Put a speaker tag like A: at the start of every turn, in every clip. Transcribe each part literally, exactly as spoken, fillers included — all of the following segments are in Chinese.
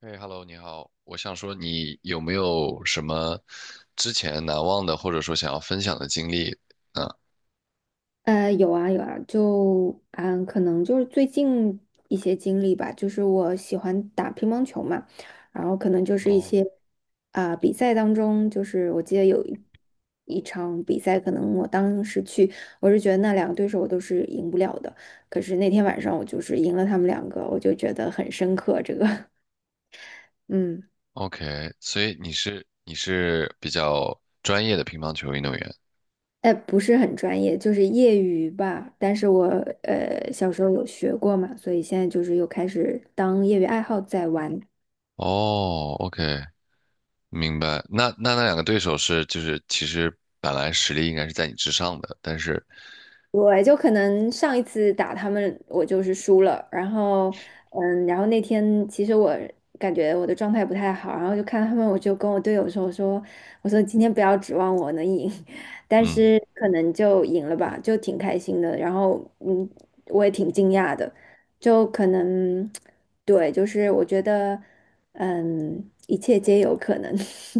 A: 嘿，Hello，你好，我想说，你有没有什么之前难忘的，或者说想要分享的经历呢？
B: 呃，有啊有啊，就嗯，可能就是最近一些经历吧，就是我喜欢打乒乓球嘛，然后可能就是一
A: 哦
B: 些啊、比赛当中，就是我记得有一一场比赛，可能我当时去，我是觉得那两个对手我都是赢不了的，可是那天晚上我就是赢了他们两个，我就觉得很深刻这个，嗯。
A: ，OK，所以你是你是比较专业的乒乓球运动员。
B: 哎，不是很专业，就是业余吧。但是我呃小时候有学过嘛，所以现在就是又开始当业余爱好在玩。
A: 哦，OK，明白。那那那两个对手是就是其实本来实力应该是在你之上的，但是
B: 对，就可能上一次打他们，我就是输了。然后，嗯，然后那天其实我感觉我的状态不太好，然后就看他们，我就跟我队友说，我说，我说今天不要指望我能赢，但
A: 嗯
B: 是可能就赢了吧，就挺开心的。然后，嗯，我也挺惊讶的，就可能，对，就是我觉得，嗯，一切皆有可能。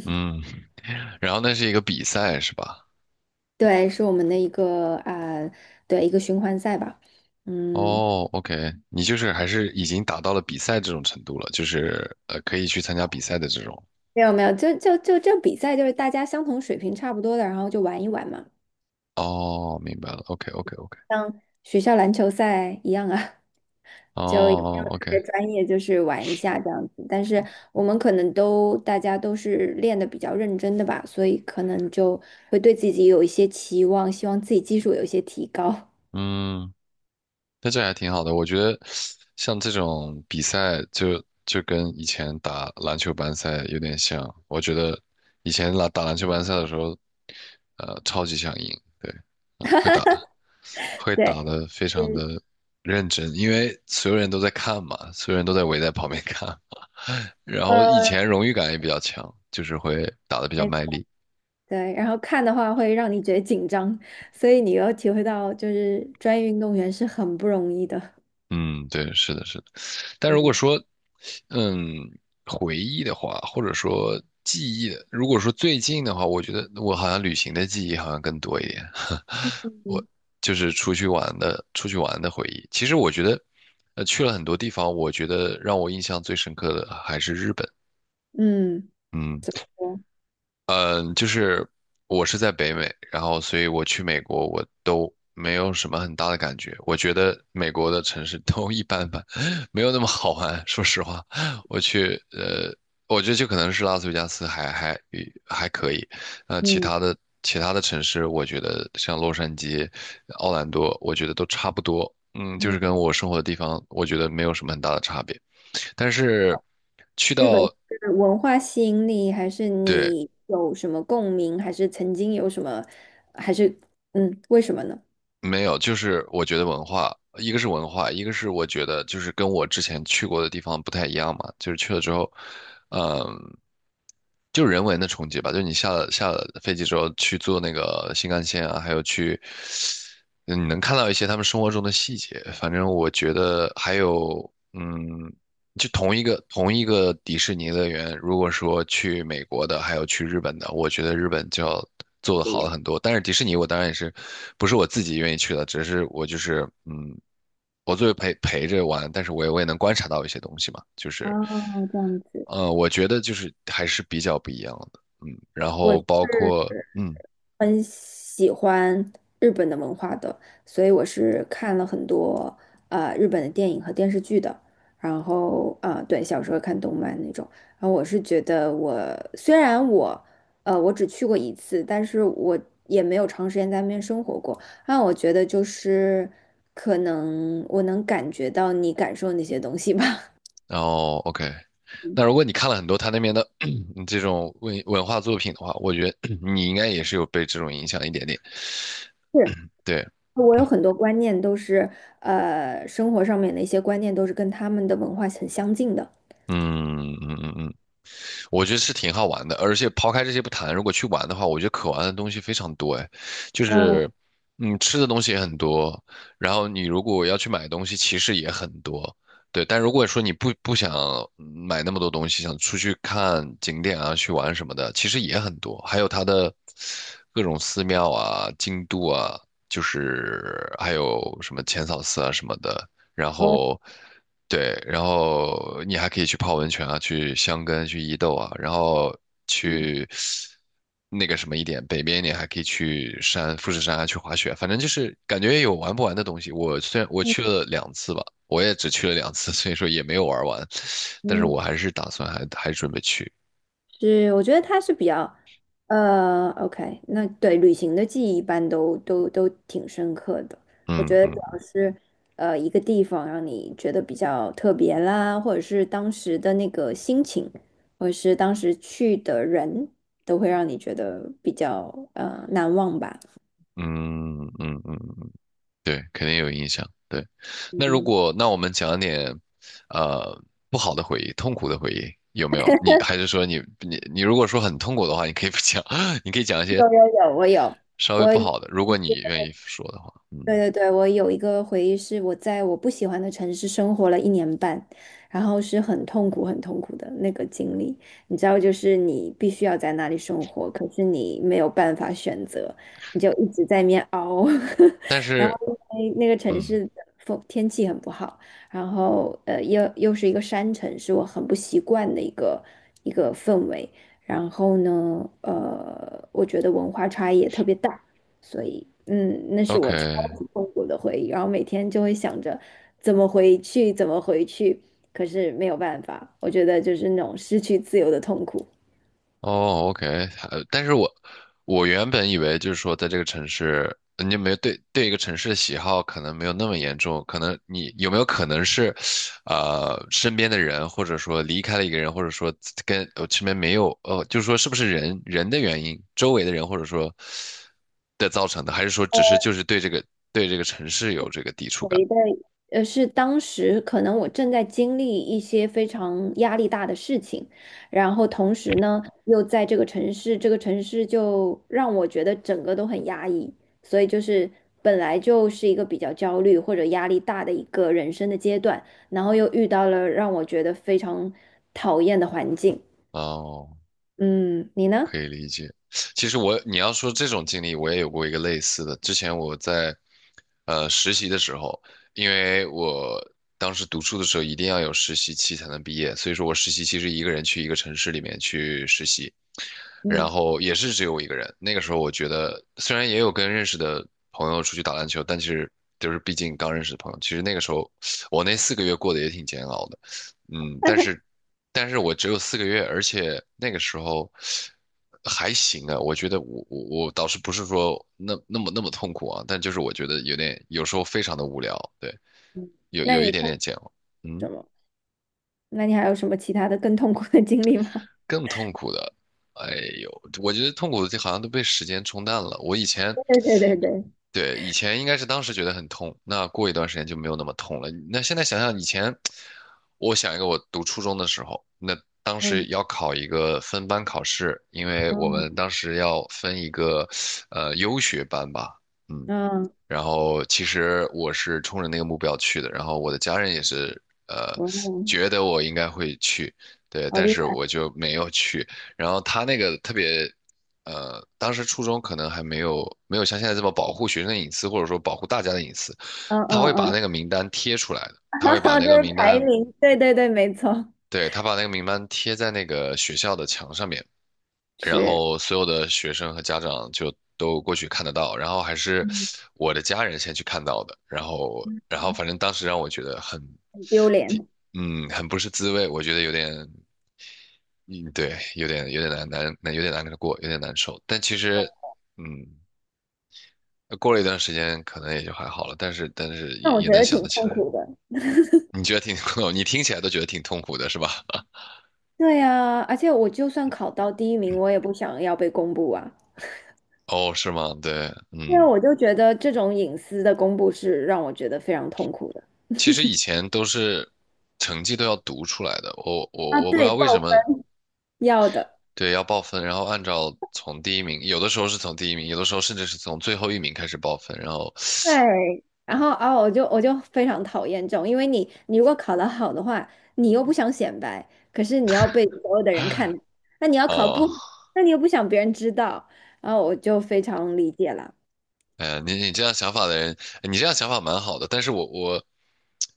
A: 嗯。然后那是一个比赛是吧？
B: 对，是我们的一个啊、对，一个循环赛吧。嗯，
A: 哦，OK，你就是还是已经达到了比赛这种程度了，就是呃可以去参加比赛的这种。
B: 没有没有，就就就这比赛就是大家相同水平差不多的，然后就玩一玩嘛，
A: 哦，明白了。OK，OK，OK。
B: 像学校篮球赛一样啊，
A: 哦 哦
B: 特
A: ，OK，
B: 别专业就是玩一下这样子。但是我们可能都大家都是练的比较认真的吧，所以可能就会对自己有一些期望，希望自己技术有一些提高。
A: 嗯，那这还挺好的。我觉得像这种比赛就，就跟以前打篮球班赛有点像。我觉得以前打打篮球班赛的时候，呃，超级想赢，对，嗯会打，会打
B: 对，
A: 得非常
B: 嗯，
A: 的认真，因为所有人都在看嘛，所有人都在围在旁边看。然后以
B: 呃，
A: 前荣誉感也比较强，就是会打得比较
B: 没
A: 卖力。
B: 对，然后看的话会让你觉得紧张，所以你要体会到就是专业运动员是很不容易的。
A: 嗯，对，是的，是的。但如果
B: 嗯
A: 说，嗯，回忆的话，或者说记忆的，如果说最近的话，我觉得我好像旅行的记忆好像更多一点。我
B: 嗯
A: 就是出去玩的，出去玩的回忆。其实我觉得，呃，去了很多地方，我觉得让我印象最深刻的还是日本。
B: 嗯
A: 嗯。
B: 我
A: 嗯，就是我是在北美，然后所以我去美国我都没有什么很大的感觉。我觉得美国的城市都一般般，没有那么好玩。说实话，我去呃，我觉得就可能是拉斯维加斯还还还可以，呃，其
B: 嗯。
A: 他的其他的城市，我觉得像洛杉矶、奥兰多，我觉得都差不多。嗯，就是
B: 嗯，
A: 跟我生活的地方，我觉得没有什么很大的差别。但是去
B: 日本
A: 到
B: 是文化吸引力，还是
A: 对，
B: 你有什么共鸣，还是曾经有什么，还是嗯，为什么呢？
A: 没有，就是我觉得文化，一个是文化，一个是我觉得就是跟我之前去过的地方不太一样嘛，就是去了之后，嗯，就人文的冲击吧，就是你下了下了飞机之后去坐那个新干线啊，还有去，嗯你能看到一些他们生活中的细节，反正我觉得还有，嗯。就同一个同一个迪士尼乐园，如果说去美国的，还有去日本的，我觉得日本就要做的
B: 不一
A: 好了
B: 样。
A: 很多。但是迪士尼，我当然也是不是我自己愿意去的，只是我就是嗯，我作为陪陪着玩，但是我也我也能观察到一些东西嘛，就是
B: 哦，这样子，
A: 呃，我觉得就是还是比较不一样的，嗯，然
B: 我
A: 后
B: 是
A: 包括嗯，
B: 很喜欢日本的文化的，所以我是看了很多呃日本的电影和电视剧的。然后啊、呃对，小时候看动漫那种。然后我是觉得我虽然我呃我只去过一次，但是我也没有长时间在那边生活过。那我觉得就是可能我能感觉到你感受那些东西吧。
A: 然后 OK。
B: 嗯，
A: 那如果你看了很多他那边的 这种文文化作品的话，我觉得 你应该也是有被这种影响一点点。
B: 是，
A: 对，
B: 我有很多观念都是，呃，生活上面的一些观念都是跟他们的文化很相近的。
A: 嗯嗯嗯嗯，我觉得是挺好玩的，而且抛开这些不谈，如果去玩的话，我觉得可玩的东西非常多，哎，就
B: 嗯，
A: 是嗯，吃的东西也很多，然后你如果要去买东西，其实也很多，对。但如果说你不不想嗯买那么多东西，想出去看景点啊，去玩什么的，其实也很多，还有它的各种寺庙啊、京都啊，就是还有什么浅草寺啊什么的。然
B: 哦，
A: 后对，然后你还可以去泡温泉啊，去箱根、去伊豆啊，然后
B: 嗯，
A: 去那个什么一点，北边一点还可以去山富士山啊，去滑雪，反正就是感觉有玩不完的东西。我虽然我去了两次吧，我也只去了两次，所以说也没有玩完，但是
B: 嗯，
A: 我还是打算还还准备去。
B: 是，我觉得它是比较，呃，OK,那对旅行的记忆一般都都都挺深刻的。我
A: 嗯
B: 觉得主
A: 嗯
B: 要是，呃，一个地方让你觉得比较特别啦，或者是当时的那个心情，或者是当时去的人，都会让你觉得比较呃难忘吧。
A: 嗯嗯嗯嗯，对，肯定有影响。对，那如
B: 嗯，
A: 果那我们讲点，呃，不好的回忆、痛苦的回忆有没有？你还是说你你你如果说很痛苦的话，你可以不讲，你可以讲一
B: 有
A: 些
B: 有有，我有，
A: 稍微不
B: 我。
A: 好的，如果你愿意说的话。
B: 对
A: 嗯，
B: 对对，我有一个回忆是我在我不喜欢的城市生活了一年半，然后是很痛苦、很痛苦的那个经历。你知道，就是你必须要在那里生活，可是你没有办法选择，你就一直在那边熬。
A: 但
B: 然后
A: 是
B: 因为那个城
A: 嗯
B: 市的风天气很不好，然后呃又又是一个山城，是我很不习惯的一个一个氛围。然后呢，呃，我觉得文化差异也特别大。所以，嗯，那是
A: ，OK，
B: 我超级痛苦的回忆，然后每天就会想着怎么回去，怎么回去，可是没有办法，我觉得就是那种失去自由的痛苦。
A: 哦，OK，呃，但是我我原本以为就是说，在这个城市，你有没有对对一个城市的喜好可能没有那么严重，可能你有没有可能是，呃，身边的人，或者说离开了一个人，或者说跟呃身边没有，呃，就是说是不是人人的原因，周围的人或者说的造成的，还是说只是就是对这个对这个城市有这个抵触感？
B: 回的，呃，是当时可能我正在经历一些非常压力大的事情，然后同时呢，又在这个城市，这个城市就让我觉得整个都很压抑，所以就是本来就是一个比较焦虑或者压力大的一个人生的阶段，然后又遇到了让我觉得非常讨厌的环境。
A: 哦，
B: 嗯，你呢？
A: 可以理解。其实我，你要说这种经历，我也有过一个类似的。之前我在呃实习的时候，因为我当时读书的时候一定要有实习期才能毕业，所以说我实习期是一个人去一个城市里面去实习，然
B: 嗯，
A: 后也是只有我一个人。那个时候我觉得，虽然也有跟认识的朋友出去打篮球，但其实就是毕竟刚认识的朋友，其实那个时候我那四个月过得也挺煎熬的。嗯，但是但是我只有四个月，而且那个时候还行啊。我觉得我我我倒是不是说那那么那么痛苦啊，但就是我觉得有点有时候非常的无聊，对，有
B: 那
A: 有一
B: 你
A: 点
B: 痛
A: 点
B: 苦
A: 煎熬。
B: 什
A: 嗯。
B: 么？那你还有什么其他的更痛苦的经历吗？
A: 更痛苦的，哎呦，我觉得痛苦的就好像都被时间冲淡了。我以前，
B: 对对对对，
A: 对，以前应该是当时觉得很痛，那过一段时间就没有那么痛了。那现在想想以前，我想一个我读初中的时候，那当时
B: 嗯
A: 要考一个分班考试，因为我们
B: 嗯
A: 当时要分一个呃优学班吧，嗯，
B: 嗯。
A: 然后其实我是冲着那个目标去的，然后我的家人也是呃
B: 嗯，
A: 觉得我应该会去，对，
B: 好
A: 但
B: 厉
A: 是我
B: 害，
A: 就没有去。然后他那个特别，呃，当时初中可能还没有没有像现在这么保护学生的隐私，或者说保护大家的隐私，
B: 嗯嗯
A: 他会把
B: 嗯，
A: 那个名单贴出来的，他
B: 哈
A: 会把
B: 哈，
A: 那
B: 就是
A: 个名
B: 排
A: 单，
B: 名，对对对，没错，
A: 对，他把那个名单贴在那个学校的墙上面。然
B: 是，
A: 后所有的学生和家长就都过去看得到，然后还是
B: 嗯，
A: 我的家人先去看到的，然后然后反正当时让我觉得很，
B: 很丢
A: 挺
B: 脸，
A: 嗯，很不是滋味，我觉得有点，嗯，对，有点有点难难难，有点难过，有点难受，但其实，嗯，过了一段时间可能也就还好了，但是但是
B: 但
A: 也
B: 我
A: 也
B: 觉
A: 能
B: 得
A: 想
B: 挺
A: 得起
B: 痛
A: 来，
B: 苦的。
A: 你觉得挺，你听起来都觉得挺痛苦的是吧？
B: 对呀，而且我就算考到第一名，我也不想要被公布啊，
A: 哦，是吗？对，
B: 因为
A: 嗯。
B: 我就觉得这种隐私的公布是让我觉得非常痛苦的。
A: 其实以前都是成绩都要读出来的，我
B: 啊，
A: 我我不知
B: 对，
A: 道为
B: 报
A: 什么，
B: 要的。
A: 对，要报分，然后按照从第一名，有的时候是从第一名，有的时候甚至是从最后一名开始报分，然后，
B: 对，然后啊，我就我就非常讨厌这种，因为你你如果考得好的话，你又不想显摆，可是你要被所有的人看，那你要考
A: 哦，
B: 不好那你又不想别人知道，然后我就非常理解啦。
A: 哎呀，你你这样想法的人，你这样想法蛮好的，但是我我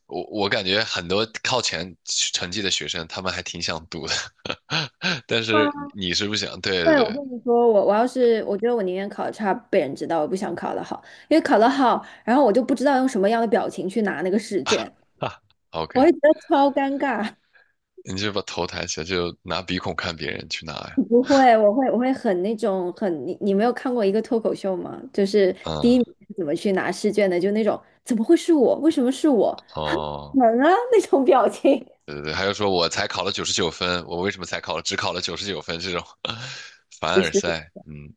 A: 我我感觉很多靠前成绩的学生，他们还挺想读的，但是
B: 啊，
A: 你是不想，对对
B: 对，我
A: 对
B: 跟你说，我我要是我觉得我宁愿考得差被人知道，我不想考得好，因为考得好，然后我就不知道用什么样的表情去拿那个试 卷，
A: 哈，
B: 我
A: ，OK，
B: 会觉得超尴尬。
A: 你就把头抬起来，就拿鼻孔看别人去拿呀，
B: 不会，我会我会很那种很你你没有看过一个脱口秀吗？就是第一
A: 嗯，
B: 名是怎么去拿试卷的，就那种怎么会是我？为什么是我？
A: 哦。
B: 门啊 那种表情。
A: 对 对对，还有说我才考了九十九分，我为什么才考了只考了九十九分这种 凡
B: 不
A: 尔
B: 是，
A: 赛，嗯，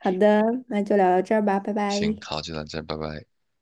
B: 好的，那就聊到这儿吧，拜
A: 行，
B: 拜。
A: 好，就到这，拜拜。